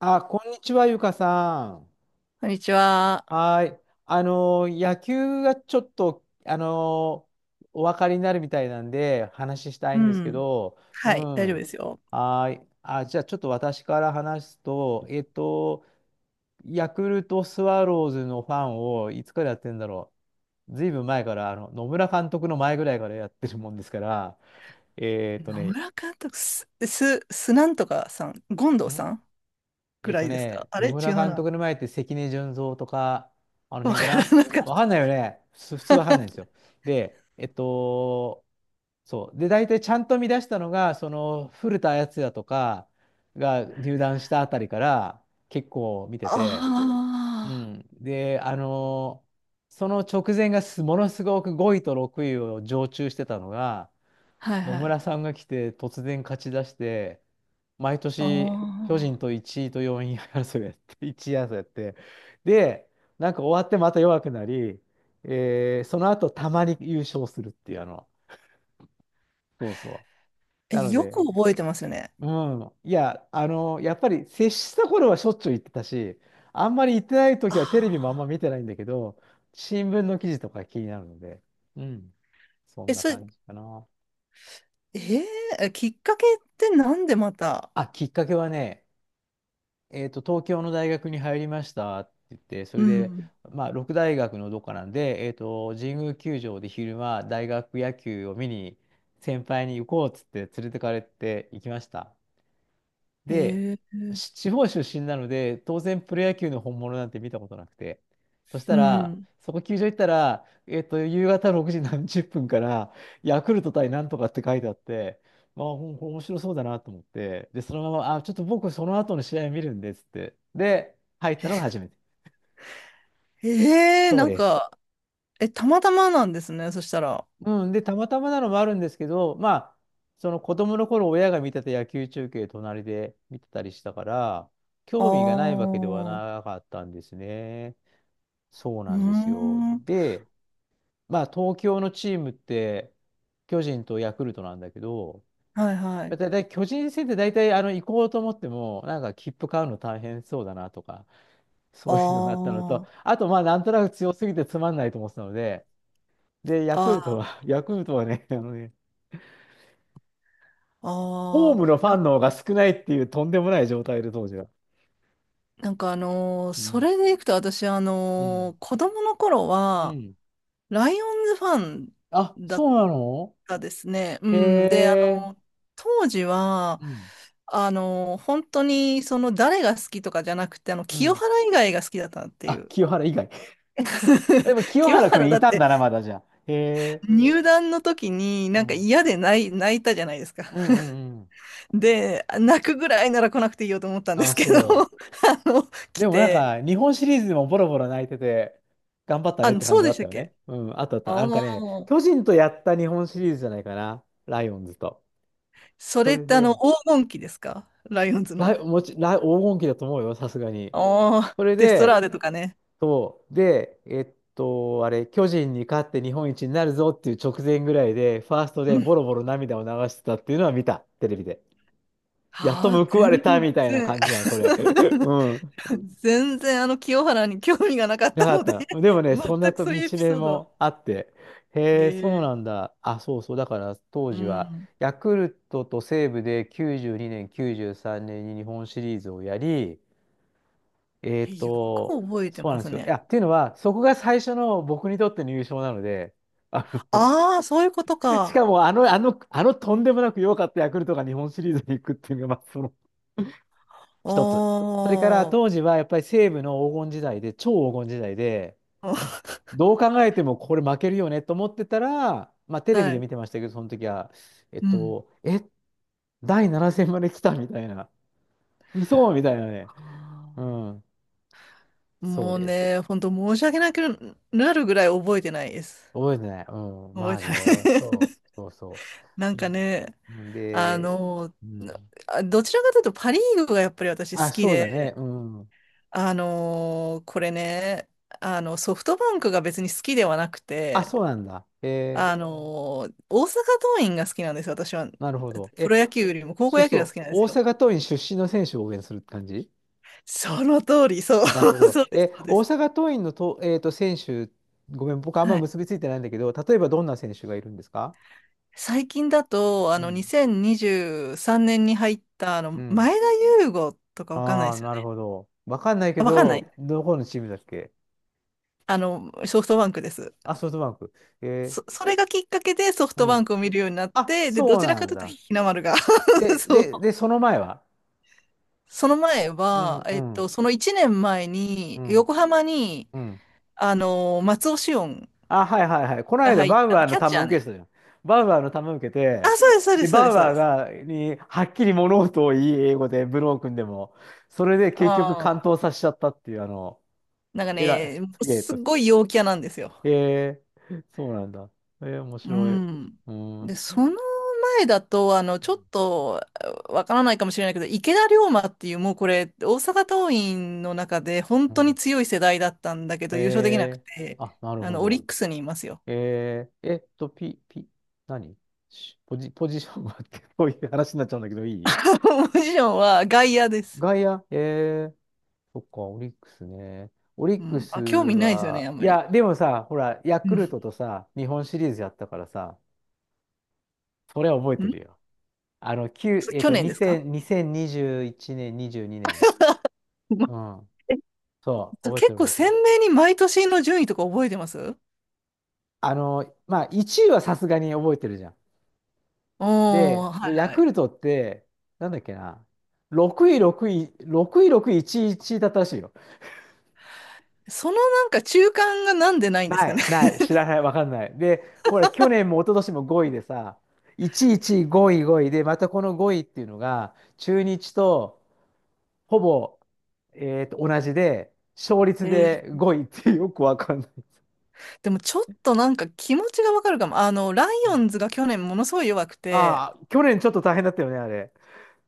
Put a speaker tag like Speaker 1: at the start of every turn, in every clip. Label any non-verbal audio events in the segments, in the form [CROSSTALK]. Speaker 1: あ、こんにちは、ゆかさん。
Speaker 2: こんにちは。
Speaker 1: はい。野球がちょっと、お分かりになるみたいなんで、話したい
Speaker 2: う
Speaker 1: んですけ
Speaker 2: ん。
Speaker 1: ど、う
Speaker 2: はい、大丈夫
Speaker 1: ん。
Speaker 2: ですよ。
Speaker 1: はい。あ、じゃあ、ちょっと私から話すと、ヤクルトスワローズのファンをいつからやってんだろう。ずいぶん前から、野村監督の前ぐらいからやってるもんですから、えっと
Speaker 2: 野
Speaker 1: ね、
Speaker 2: 村監督、す、す、すなんとかさん、権藤さ
Speaker 1: ん
Speaker 2: んぐらいですか？あ
Speaker 1: 野
Speaker 2: れ違
Speaker 1: 村
Speaker 2: う
Speaker 1: 監
Speaker 2: な。
Speaker 1: 督の前って関根純三とか、あの
Speaker 2: わ
Speaker 1: 辺か
Speaker 2: から
Speaker 1: な。
Speaker 2: なかっ
Speaker 1: わかん
Speaker 2: た。
Speaker 1: ないよね。普通わかんないんですよ。で、そう。で、大体ちゃんと見出したのが、その古田敦也とかが入団したあたりから結構見
Speaker 2: [LAUGHS]
Speaker 1: てて、う
Speaker 2: あ
Speaker 1: ん。で、その直前がものすごく5位と6位を常駐してたのが、
Speaker 2: あ、はい
Speaker 1: 野
Speaker 2: はい。
Speaker 1: 村さんが来て突然勝ち出して、毎
Speaker 2: あ
Speaker 1: 年巨人
Speaker 2: あ、
Speaker 1: と1位と4位争いやって、[LAUGHS] 1位争いやって、で、なんか終わってまた弱くなり、その後たまに優勝するっていうそうそう。なの
Speaker 2: よく
Speaker 1: で、
Speaker 2: 覚えてますよね。
Speaker 1: うん、やっぱり接した頃はしょっちゅう言ってたし、あんまり言ってない
Speaker 2: あ
Speaker 1: 時はテレビもあんま
Speaker 2: あ、
Speaker 1: 見てないんだけど、新聞の記事とか気になるので、うん、そん
Speaker 2: え、
Speaker 1: な
Speaker 2: それ、
Speaker 1: 感じかな。
Speaker 2: えーきっかけってなんでまた？
Speaker 1: あ、きっかけはね、東京の大学に入りましたって言って、そ
Speaker 2: う
Speaker 1: れで、
Speaker 2: ん。
Speaker 1: まあ、六大学のどっかなんで、神宮球場で昼間、大学野球を見に、先輩に行こうっつって連れてかれて行きました。で、
Speaker 2: ええ、
Speaker 1: 地方出身なので、当然プロ野球の本物なんて見たことなくて。そし
Speaker 2: う
Speaker 1: たら、
Speaker 2: ん。
Speaker 1: そこ球場行ったら、夕方6時何十分から、ヤクルト対なんとかって書いてあって、まあ、面白そうだなと思って、で、そのまま、あ、ちょっと僕その後の試合見るんですって。で、入ったのが初めて。
Speaker 2: ええ、
Speaker 1: そう
Speaker 2: なん
Speaker 1: です。
Speaker 2: か、たまたまなんですね、そしたら。あ
Speaker 1: うん、で、たまたまなのもあるんですけど、まあ、その子供の頃親が見てた野球中継隣で見てたりしたから、興味がない
Speaker 2: あ、
Speaker 1: わけでは
Speaker 2: う
Speaker 1: なかったんですね。そう
Speaker 2: ー
Speaker 1: なんですよ。
Speaker 2: ん、は
Speaker 1: で、まあ、東京のチームって、巨人とヤクルトなんだけど、
Speaker 2: いは
Speaker 1: だ
Speaker 2: い。
Speaker 1: いたい巨人戦って大体行こうと思っても、なんか切符買うの大変そうだなとか、[LAUGHS] そういうのがあったのと、
Speaker 2: あ
Speaker 1: あとまあなんとなく強すぎてつまんないと思ってたので、で、
Speaker 2: あ、
Speaker 1: ヤクルトはね、あのね、ホー
Speaker 2: あ
Speaker 1: ムの
Speaker 2: あ、
Speaker 1: ファンの方が少ないっていうとんでもない状態で、当時は。
Speaker 2: なんか
Speaker 1: う
Speaker 2: そ
Speaker 1: ん。
Speaker 2: れでいくと私
Speaker 1: うん。
Speaker 2: 子供の頃
Speaker 1: う
Speaker 2: は、
Speaker 1: ん。
Speaker 2: ライオンズファン
Speaker 1: あ、
Speaker 2: だ
Speaker 1: そ
Speaker 2: っ
Speaker 1: うなの。
Speaker 2: たですね。う
Speaker 1: へ
Speaker 2: ん。で、
Speaker 1: え。
Speaker 2: のー当時は、
Speaker 1: うん。
Speaker 2: 本当にその誰が好きとかじゃなくて、
Speaker 1: う
Speaker 2: 清
Speaker 1: ん。
Speaker 2: 原以外が好きだったってい
Speaker 1: あ、
Speaker 2: う。
Speaker 1: 清原以外。[LAUGHS] でも
Speaker 2: [LAUGHS]
Speaker 1: 清
Speaker 2: 清
Speaker 1: 原く
Speaker 2: 原
Speaker 1: ん
Speaker 2: だ
Speaker 1: い
Speaker 2: っ
Speaker 1: たん
Speaker 2: て
Speaker 1: だな、まだじゃあ。へえ。
Speaker 2: 入団の時に
Speaker 1: う
Speaker 2: なんか
Speaker 1: ん。うん
Speaker 2: 嫌で泣いたじゃないですか。
Speaker 1: うん
Speaker 2: [LAUGHS]
Speaker 1: うん。
Speaker 2: で、泣くぐらいなら来なくていいよと思ったんで
Speaker 1: あ、
Speaker 2: すけど、[LAUGHS]
Speaker 1: そ
Speaker 2: の、
Speaker 1: う。
Speaker 2: 来
Speaker 1: でもなん
Speaker 2: て、
Speaker 1: か、日本シリーズでもボロボロ泣いてて、頑張ったねっ
Speaker 2: あ、
Speaker 1: て感
Speaker 2: そう
Speaker 1: じは
Speaker 2: で
Speaker 1: あ
Speaker 2: し
Speaker 1: っ
Speaker 2: た
Speaker 1: た
Speaker 2: っ
Speaker 1: よ
Speaker 2: け？
Speaker 1: ね。うん、あったあった。
Speaker 2: ああ
Speaker 1: なんかね、
Speaker 2: ー、
Speaker 1: 巨人とやった日本シリーズじゃないかな。ライオンズと。
Speaker 2: そ
Speaker 1: そ
Speaker 2: れっ
Speaker 1: れ
Speaker 2: て
Speaker 1: で、
Speaker 2: 黄金期ですか？ライオンズ
Speaker 1: ライ、
Speaker 2: の。
Speaker 1: もち、ライ、黄金期だと思うよ、さすがに。
Speaker 2: ああ、
Speaker 1: それ
Speaker 2: デストラー
Speaker 1: で、
Speaker 2: デとかね。
Speaker 1: そう、で、あれ、巨人に勝って日本一になるぞっていう直前ぐらいで、ファーストで
Speaker 2: う
Speaker 1: ボ
Speaker 2: ん。
Speaker 1: ロボロ涙を流してたっていうのは見た、テレビで。やっと
Speaker 2: ああ、
Speaker 1: 報われた
Speaker 2: 全
Speaker 1: みたいな
Speaker 2: 然、
Speaker 1: 感じじゃん、それ。[LAUGHS] う
Speaker 2: [LAUGHS]
Speaker 1: ん。
Speaker 2: 全然清原に興味がなかっ
Speaker 1: な
Speaker 2: た
Speaker 1: かっ
Speaker 2: ので
Speaker 1: たの。でもね、そ
Speaker 2: 全
Speaker 1: んな
Speaker 2: く
Speaker 1: と
Speaker 2: そうい
Speaker 1: 道
Speaker 2: うエピソ
Speaker 1: 面
Speaker 2: ードは。
Speaker 1: もあって、へえ、そう
Speaker 2: ええ、
Speaker 1: なんだ。あ、そうそう、だから当
Speaker 2: う
Speaker 1: 時は、
Speaker 2: ん。
Speaker 1: ヤクルトと西武で92年、93年に日本シリーズをやり、えーっ
Speaker 2: よく
Speaker 1: と、
Speaker 2: 覚えて
Speaker 1: そうな
Speaker 2: ま
Speaker 1: んで
Speaker 2: す
Speaker 1: すよ。
Speaker 2: ね。
Speaker 1: っていうのは、そこが最初の僕にとっての優勝なので、あの、
Speaker 2: ああ、そういうこと
Speaker 1: [LAUGHS] し
Speaker 2: か。
Speaker 1: かもあのとんでもなく弱かったヤクルトが日本シリーズに行くっていうのが、まあ、その
Speaker 2: お
Speaker 1: 一つ。それから当
Speaker 2: ー。
Speaker 1: 時はやっぱり西武の黄金時代で、超黄金時代で、
Speaker 2: [LAUGHS]
Speaker 1: どう考えてもこれ負けるよねと思ってたら、まあテレビ
Speaker 2: は
Speaker 1: で
Speaker 2: い。
Speaker 1: 見てましたけど、その時は、えっ
Speaker 2: うん。
Speaker 1: と、え、第7戦まで来たみたいな、嘘みたいなね。
Speaker 2: あ
Speaker 1: うん、
Speaker 2: あ。
Speaker 1: そう
Speaker 2: もう
Speaker 1: です。
Speaker 2: ね、本当申し訳なくなるぐらい覚えてないです。
Speaker 1: 覚えてない。うん。
Speaker 2: 覚
Speaker 1: ま
Speaker 2: え
Speaker 1: あ
Speaker 2: て
Speaker 1: ね。
Speaker 2: な
Speaker 1: そ
Speaker 2: い。
Speaker 1: うそうそ
Speaker 2: [LAUGHS] なん
Speaker 1: う。
Speaker 2: かね、
Speaker 1: うん、
Speaker 2: あ
Speaker 1: で、
Speaker 2: の、
Speaker 1: う
Speaker 2: な
Speaker 1: ん。
Speaker 2: どちらかというとパ・リーグがやっぱり私好
Speaker 1: あ、
Speaker 2: き
Speaker 1: そうだ
Speaker 2: で、
Speaker 1: ね。うん。
Speaker 2: これね、ソフトバンクが別に好きではなく
Speaker 1: あ、
Speaker 2: て、
Speaker 1: そうなんだ。え
Speaker 2: 大阪桐蔭が好きなんですよ、私は。
Speaker 1: ー、なるほど。
Speaker 2: プ
Speaker 1: え、
Speaker 2: ロ野球よりも高校
Speaker 1: そう
Speaker 2: 野
Speaker 1: する
Speaker 2: 球が好
Speaker 1: と、
Speaker 2: きなんで
Speaker 1: 大
Speaker 2: すよ。
Speaker 1: 阪桐蔭出身の選手を応援するって感じ。
Speaker 2: その通り、そう、[LAUGHS]
Speaker 1: なるほど。
Speaker 2: そうで
Speaker 1: え、
Speaker 2: す、そうで
Speaker 1: 大
Speaker 2: す。
Speaker 1: 阪桐蔭のと、選手、ごめん、僕あんま
Speaker 2: はい。
Speaker 1: 結びついてないんだけど、例えばどんな選手がいるんですか？
Speaker 2: 最近だと、
Speaker 1: うん。
Speaker 2: 2023年にじゅうさんねんに入った、
Speaker 1: うん。
Speaker 2: 前田悠伍とかわかんな
Speaker 1: あ
Speaker 2: いで
Speaker 1: あ、
Speaker 2: すよ
Speaker 1: なる
Speaker 2: ね？
Speaker 1: ほど。わかんないけ
Speaker 2: あ、わかんな
Speaker 1: ど、
Speaker 2: い。
Speaker 1: どこのチームだっけ。
Speaker 2: ソフトバンクです。
Speaker 1: あ、ソフトバンク。え
Speaker 2: それがきっかけでソフ
Speaker 1: ー、う
Speaker 2: トバン
Speaker 1: ん。
Speaker 2: クを見るようになっ
Speaker 1: あ、
Speaker 2: て、で、ど
Speaker 1: そう
Speaker 2: ちら
Speaker 1: な
Speaker 2: か
Speaker 1: ん
Speaker 2: というと
Speaker 1: だ。
Speaker 2: 日の丸が [LAUGHS]
Speaker 1: で、
Speaker 2: そう。
Speaker 1: で、で、その前は？
Speaker 2: その前
Speaker 1: うん
Speaker 2: は、
Speaker 1: うん
Speaker 2: その1年前
Speaker 1: う
Speaker 2: に、
Speaker 1: ん
Speaker 2: 横浜に、
Speaker 1: うん。
Speaker 2: 松尾紫音
Speaker 1: あ、はいはいはい。この
Speaker 2: が
Speaker 1: 間
Speaker 2: 入っ
Speaker 1: バウ
Speaker 2: た、
Speaker 1: アーの
Speaker 2: キャッチ
Speaker 1: 球
Speaker 2: ャー
Speaker 1: 受け
Speaker 2: ね。
Speaker 1: てたじゃん。バウアーの球受け
Speaker 2: あ、
Speaker 1: て、
Speaker 2: そうです、そうで
Speaker 1: で、
Speaker 2: す、そう
Speaker 1: バ
Speaker 2: で
Speaker 1: ウ
Speaker 2: す、そう
Speaker 1: アー
Speaker 2: です。
Speaker 1: が、に、はっきり物事を言い英語で、ブロー君でも、それで結局完
Speaker 2: ああ。
Speaker 1: 投させちゃったっていう、あの、
Speaker 2: なんか
Speaker 1: えらい、
Speaker 2: ね、
Speaker 1: すげえ
Speaker 2: すっ
Speaker 1: と。
Speaker 2: ごい陽キャなんですよ。
Speaker 1: へえ。そうなんだ。えー面
Speaker 2: う
Speaker 1: 白い。
Speaker 2: ん。
Speaker 1: うん。
Speaker 2: で、その代だと、ちょっとわからないかもしれないけど、池田龍馬っていう、もうこれ、大阪桐蔭の中で本
Speaker 1: う
Speaker 2: 当に
Speaker 1: ん。
Speaker 2: 強い世代だったんだけど、優勝できなく
Speaker 1: え
Speaker 2: て、
Speaker 1: ーあ、なるほ
Speaker 2: オリ
Speaker 1: ど。
Speaker 2: ックスにいますよ。
Speaker 1: えー、えっと、ピ、ピ、何ポジションは？って [LAUGHS] こういう話になっちゃうんだけど、いい。
Speaker 2: [LAUGHS] ポジションは外野です。
Speaker 1: 外野、えー、そっか、オリックスね。オリ
Speaker 2: う
Speaker 1: ック
Speaker 2: ん。
Speaker 1: ス
Speaker 2: あ、興味ないですよね、あ
Speaker 1: は、
Speaker 2: ん
Speaker 1: い
Speaker 2: まり。
Speaker 1: や、でもさ、ほら、ヤ
Speaker 2: う
Speaker 1: クル
Speaker 2: ん。
Speaker 1: トとさ、日本シリーズやったからさ、それは覚えてる
Speaker 2: ん
Speaker 1: よ。あの、9、え
Speaker 2: 去
Speaker 1: っ
Speaker 2: 年です
Speaker 1: と、
Speaker 2: か？
Speaker 1: 2000、2021年、22年。
Speaker 2: ま
Speaker 1: うん。
Speaker 2: え
Speaker 1: そう、
Speaker 2: [LAUGHS]
Speaker 1: 覚えて
Speaker 2: 結
Speaker 1: る
Speaker 2: 構
Speaker 1: 覚えて
Speaker 2: 鮮
Speaker 1: る。
Speaker 2: 明に毎年の順位とか覚えてます？
Speaker 1: あの、まあ、1位はさすがに覚えてるじゃん。
Speaker 2: お
Speaker 1: で、
Speaker 2: ー、は
Speaker 1: でヤ
Speaker 2: いは
Speaker 1: ク
Speaker 2: い。
Speaker 1: ルトって、なんだっけな、6位、6位、6位、6位、1位、1位だったらしいよ。
Speaker 2: なんか中間がなんでないんです
Speaker 1: な
Speaker 2: かね。
Speaker 1: い、ない、知らない、わかんない。で、ほら、去年も一昨年も5位でさ、1位、1位、5位、5位で、またこの5位っていうのが、中日とほぼ、同じで、勝
Speaker 2: [LAUGHS]
Speaker 1: 率
Speaker 2: へ
Speaker 1: で5位ってよくわかんない。
Speaker 2: でもちょっとなんか気持ちがわかるかも。ライ
Speaker 1: う
Speaker 2: オ
Speaker 1: ん。
Speaker 2: ンズが去年ものすごい弱くて、
Speaker 1: ああ、去年ちょっと大変だったよね、あれ。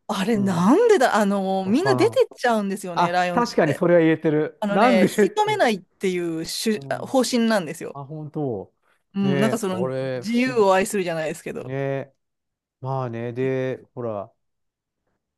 Speaker 2: あれ
Speaker 1: うん。
Speaker 2: なんでだ、
Speaker 1: わ
Speaker 2: みん
Speaker 1: か
Speaker 2: な
Speaker 1: ら
Speaker 2: 出
Speaker 1: ん。
Speaker 2: てっちゃうんですよね、ラ
Speaker 1: あ、
Speaker 2: イオンズっ
Speaker 1: 確かにそ
Speaker 2: て。
Speaker 1: れは言えてる。
Speaker 2: あの
Speaker 1: なん
Speaker 2: ね、
Speaker 1: で
Speaker 2: 引
Speaker 1: っ
Speaker 2: き止め
Speaker 1: て。
Speaker 2: ないっていう主
Speaker 1: うん。
Speaker 2: 方針なんですよ。
Speaker 1: あ、本当。
Speaker 2: う
Speaker 1: ね
Speaker 2: ん、な
Speaker 1: え、
Speaker 2: んか
Speaker 1: あれ、
Speaker 2: 自
Speaker 1: 不
Speaker 2: 由
Speaker 1: 思議。
Speaker 2: を愛するじゃないですけ
Speaker 1: ね
Speaker 2: ど。
Speaker 1: え、まあね、で、ほら、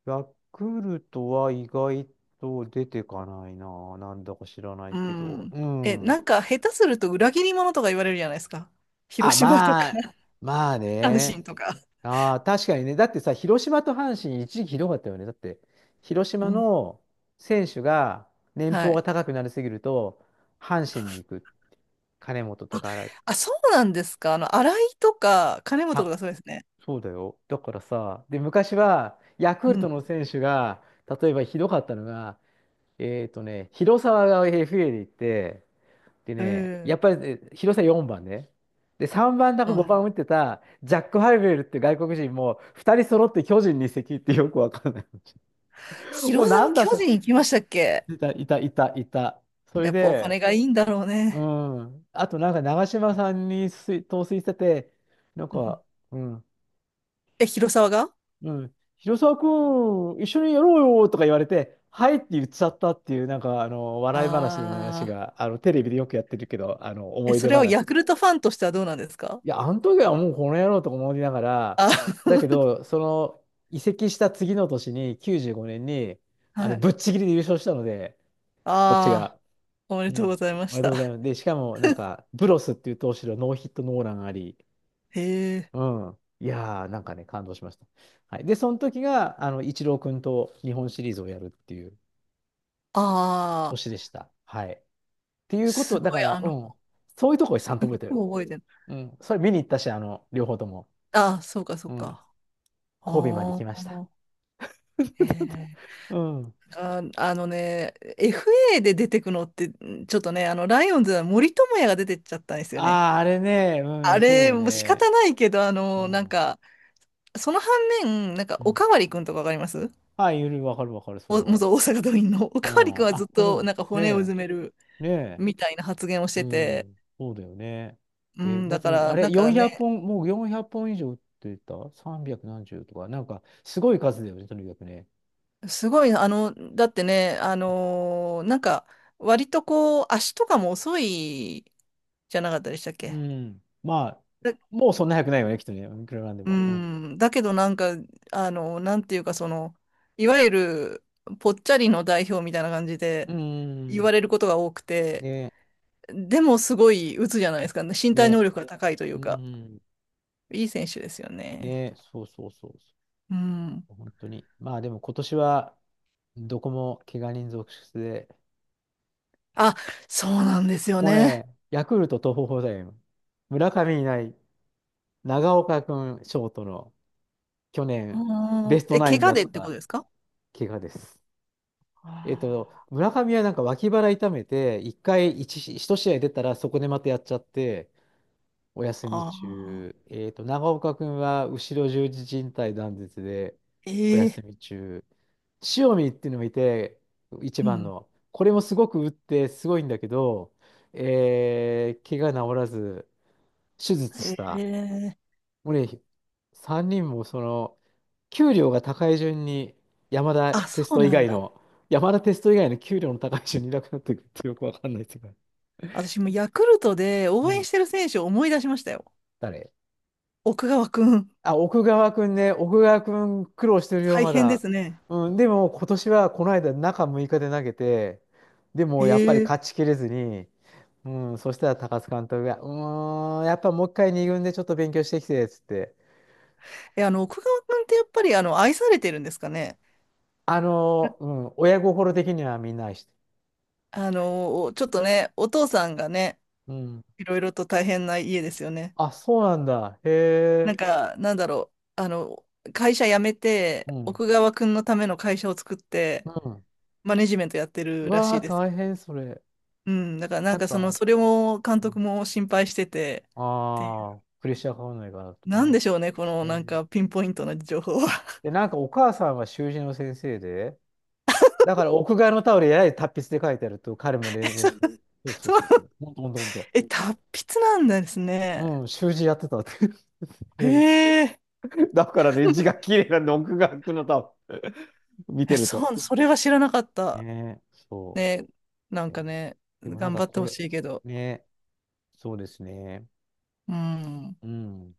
Speaker 1: ヤクルトは意外と出てかないな。なんだか知らない
Speaker 2: う
Speaker 1: けど。
Speaker 2: ん。
Speaker 1: うん。
Speaker 2: なんか下手すると裏切り者とか言われるじゃないですか。
Speaker 1: あ、
Speaker 2: 広島と
Speaker 1: まあ、
Speaker 2: か、
Speaker 1: まあ
Speaker 2: [LAUGHS] 阪神
Speaker 1: ね。
Speaker 2: とか。
Speaker 1: ああ、確かにね。だってさ、広島と阪神、一時期ひどかったよね。だって、広
Speaker 2: う
Speaker 1: 島
Speaker 2: ん。
Speaker 1: の選手が年
Speaker 2: は
Speaker 1: 俸
Speaker 2: い。
Speaker 1: が高くなりすぎると、阪神に行く。金本と
Speaker 2: あ、
Speaker 1: か、あれ、
Speaker 2: あ、そうなんですか。新井とか、金本と
Speaker 1: た
Speaker 2: かそうですね。
Speaker 1: そうだよ。だからさ、で、昔はヤク
Speaker 2: う
Speaker 1: ルト
Speaker 2: ん。
Speaker 1: の選手が、例えばひどかったのが、えっとね、広沢が FA で行って、で
Speaker 2: う
Speaker 1: ね、やっ
Speaker 2: ん。
Speaker 1: ぱり、え広沢4番ね。で、3番だか5番打ってたジャック・ハイベルって外国人も2人揃って巨人に移籍ってよくわかんない。[LAUGHS] お、
Speaker 2: 広
Speaker 1: な
Speaker 2: 沢
Speaker 1: んだ
Speaker 2: 巨
Speaker 1: それ。
Speaker 2: 人行きましたっけ？
Speaker 1: いた。それ
Speaker 2: やっぱお
Speaker 1: で、
Speaker 2: 金がいいんだろう
Speaker 1: う
Speaker 2: ね。
Speaker 1: ん。あとなんか長嶋さんに陶酔してて、なん
Speaker 2: [LAUGHS] うん、
Speaker 1: か、うん。
Speaker 2: 広沢が
Speaker 1: うん、広沢君、一緒にやろうよとか言われて、はいって言っちゃったっていう、笑い話の話
Speaker 2: ああ
Speaker 1: が、テレビでよくやってるけど、
Speaker 2: ー。
Speaker 1: 思い
Speaker 2: そ
Speaker 1: 出
Speaker 2: れを
Speaker 1: 話。
Speaker 2: ヤクルトファンとしてはどうなんですか？
Speaker 1: いや、あの時はもうこの野郎とか思いながら、
Speaker 2: あ、
Speaker 1: だけど、その移籍した次の年に、95年に、
Speaker 2: [LAUGHS]
Speaker 1: あ
Speaker 2: は
Speaker 1: の
Speaker 2: い。
Speaker 1: ぶっちぎりで優勝したので、こっち
Speaker 2: ああ、
Speaker 1: が。
Speaker 2: おめ
Speaker 1: う
Speaker 2: でとうご
Speaker 1: ん。
Speaker 2: ざいま
Speaker 1: お
Speaker 2: し
Speaker 1: めでとうござい
Speaker 2: た。
Speaker 1: ます。で、しかも、ブロスっていう投手のノーヒットノーランあり、
Speaker 2: へえ。
Speaker 1: うん。いやー、なんかね、感動しました。はい。で、その時が、イチロー君と日本シリーズをやるっていう
Speaker 2: ああ、
Speaker 1: 年でした。はい。っていうこ
Speaker 2: す
Speaker 1: と、だ
Speaker 2: ご
Speaker 1: か
Speaker 2: い、
Speaker 1: ら、うん。そういうところち
Speaker 2: す
Speaker 1: ゃんと覚えてる。
Speaker 2: ごい覚えてる。
Speaker 1: うん。それ見に行ったし、両方とも。
Speaker 2: ああ、そうか、そう
Speaker 1: うん。
Speaker 2: か。
Speaker 1: 神戸まで
Speaker 2: あ
Speaker 1: 来ました。
Speaker 2: あ、ええ。
Speaker 1: うん。
Speaker 2: あ、あのね、FA で出てくのって、ちょっとね、ライオンズは森友哉が出てっちゃったんですよね。
Speaker 1: ああ、あれね、う
Speaker 2: あ
Speaker 1: ん、そ
Speaker 2: れ、
Speaker 1: う
Speaker 2: もう仕
Speaker 1: ね。
Speaker 2: 方ないけど、
Speaker 1: う
Speaker 2: なん
Speaker 1: ん。
Speaker 2: か、その反面、なんか、
Speaker 1: う
Speaker 2: お
Speaker 1: ん、
Speaker 2: かわりくんとかわかります？
Speaker 1: はい、わかるわかる、それ
Speaker 2: お、
Speaker 1: は。
Speaker 2: 元大阪桐蔭の。[LAUGHS] お
Speaker 1: う
Speaker 2: かわりくん
Speaker 1: ん。
Speaker 2: はずっ
Speaker 1: あ、これそう
Speaker 2: と、
Speaker 1: なの。
Speaker 2: なんか、
Speaker 1: ね
Speaker 2: 骨をうずめる
Speaker 1: え、ねえ。
Speaker 2: みたいな発言をし
Speaker 1: う
Speaker 2: てて、
Speaker 1: ん、そうだよね。
Speaker 2: う
Speaker 1: え、
Speaker 2: ん、
Speaker 1: だっ
Speaker 2: だ
Speaker 1: て
Speaker 2: か
Speaker 1: もう、
Speaker 2: ら、
Speaker 1: あ
Speaker 2: な
Speaker 1: れ、
Speaker 2: んか
Speaker 1: 400
Speaker 2: ね、
Speaker 1: 本、もう400本以上売ってた？ 300 何十とか、なんか、すごい数だよね、とにかくね。
Speaker 2: すごい、だってね、なんか、割とこう、足とかも遅いじゃなかったでしたっ
Speaker 1: う
Speaker 2: け？
Speaker 1: ん。まあ、
Speaker 2: だ
Speaker 1: もうそんな早くないよね、きっとね。いくらなんで
Speaker 2: う
Speaker 1: も。
Speaker 2: ん、だけどなんか、なんていうか、いわゆる、ぽっちゃりの代表みたいな感じ
Speaker 1: うん。
Speaker 2: で、
Speaker 1: う
Speaker 2: 言わ
Speaker 1: ん。
Speaker 2: れることが多くて、
Speaker 1: ね、
Speaker 2: でもすごい打つじゃないですかね。身体
Speaker 1: ね、
Speaker 2: 能力が高いとい
Speaker 1: う
Speaker 2: うか、
Speaker 1: ん。
Speaker 2: いい選手ですよね。
Speaker 1: ね、そうそうそう。そ
Speaker 2: うん。
Speaker 1: う本当に。まあ、でも今年は、どこも怪我人続出で、
Speaker 2: あ、そうなんですよ
Speaker 1: もう
Speaker 2: ね。
Speaker 1: ね、ヤクルト東邦だよ。村上いない、長岡君ショートの。去年、
Speaker 2: あ
Speaker 1: ベス
Speaker 2: ー
Speaker 1: トナイ
Speaker 2: 怪
Speaker 1: ン
Speaker 2: 我
Speaker 1: だ
Speaker 2: で
Speaker 1: っ
Speaker 2: ってこと
Speaker 1: た
Speaker 2: ですか？
Speaker 1: 怪我です。えっと、
Speaker 2: あ
Speaker 1: 村上はなんか脇腹痛めて、一回一し一試合出たら、そこでまたやっちゃって、お休
Speaker 2: ー
Speaker 1: み
Speaker 2: あ
Speaker 1: 中。えっと、長岡君は後ろ十字靭帯断絶で、お
Speaker 2: ー、え
Speaker 1: 休
Speaker 2: え、
Speaker 1: み中。塩見っていうのもいて、一
Speaker 2: う
Speaker 1: 番
Speaker 2: ん。
Speaker 1: の。これもすごく打って、すごいんだけど、怪我治らず、手術
Speaker 2: え
Speaker 1: した。
Speaker 2: え、
Speaker 1: もうね、3人もその、給料が高い順に山田
Speaker 2: あ、
Speaker 1: テス
Speaker 2: そう
Speaker 1: ト以
Speaker 2: なん
Speaker 1: 外
Speaker 2: だ。
Speaker 1: の、山田テスト以外の給料の高い順にいなくなっていくるてよくわかんないですうか。
Speaker 2: 私もヤクルトで
Speaker 1: う
Speaker 2: 応援
Speaker 1: ん。
Speaker 2: してる選手を思い出しましたよ。
Speaker 1: 誰
Speaker 2: 奥川くん。
Speaker 1: あ、奥川くんね。奥川くん苦労してるよ、
Speaker 2: 大
Speaker 1: ま
Speaker 2: 変で
Speaker 1: だ。
Speaker 2: すね。
Speaker 1: うん。でも今年はこの間中6日で投げて、でもやっぱり
Speaker 2: へえ。
Speaker 1: 勝ちきれずに、うん。そしたら高津監督が、やっぱもう一回二軍でちょっと勉強してきて、つって。
Speaker 2: 奥川くんってやっぱり愛されてるんですかね。
Speaker 1: うん。親心的にはみんな愛して
Speaker 2: ちょっとね、お父さんがね、
Speaker 1: る。うん。
Speaker 2: いろいろと大変な家ですよね。
Speaker 1: あ、そうなんだ。へ
Speaker 2: なん
Speaker 1: え。
Speaker 2: か、なんだろう、会社辞め
Speaker 1: う
Speaker 2: て、
Speaker 1: ん。
Speaker 2: 奥川くんのための会社を作って、
Speaker 1: うん。
Speaker 2: マネジメントやって
Speaker 1: う
Speaker 2: るら
Speaker 1: わ
Speaker 2: しい
Speaker 1: あ、
Speaker 2: です。
Speaker 1: 大変それ。
Speaker 2: うん、だからな
Speaker 1: な
Speaker 2: ん
Speaker 1: ん
Speaker 2: か
Speaker 1: か、
Speaker 2: それも監督も心配してて、っていう、
Speaker 1: ああー、プレッシャーかかんないかなとか
Speaker 2: なん
Speaker 1: ね。
Speaker 2: でしょうね、この
Speaker 1: え
Speaker 2: なんか
Speaker 1: ー
Speaker 2: ピンポイントな情報は。
Speaker 1: で、なんかお母さんは習字の先生で、だから屋外のタオルややれ達筆で書いてあると、彼も
Speaker 2: [LAUGHS]
Speaker 1: 練
Speaker 2: そう
Speaker 1: 習。そうそう
Speaker 2: そう、
Speaker 1: そうそう。ほんとほんとほんと。
Speaker 2: 達筆なんですね。
Speaker 1: うん、習字やってたって。[LAUGHS] えー
Speaker 2: へえ、
Speaker 1: だからね、字が綺麗なんで、屋外のタオル [LAUGHS] 見てると。
Speaker 2: そう、それは知らなかった。
Speaker 1: ねえ、そ
Speaker 2: ね、なん
Speaker 1: う。えー
Speaker 2: かね、
Speaker 1: でもなん
Speaker 2: 頑
Speaker 1: か
Speaker 2: 張って
Speaker 1: こ
Speaker 2: ほ
Speaker 1: れ、
Speaker 2: しいけど。
Speaker 1: ねえ、そうですね。
Speaker 2: うん。
Speaker 1: うん。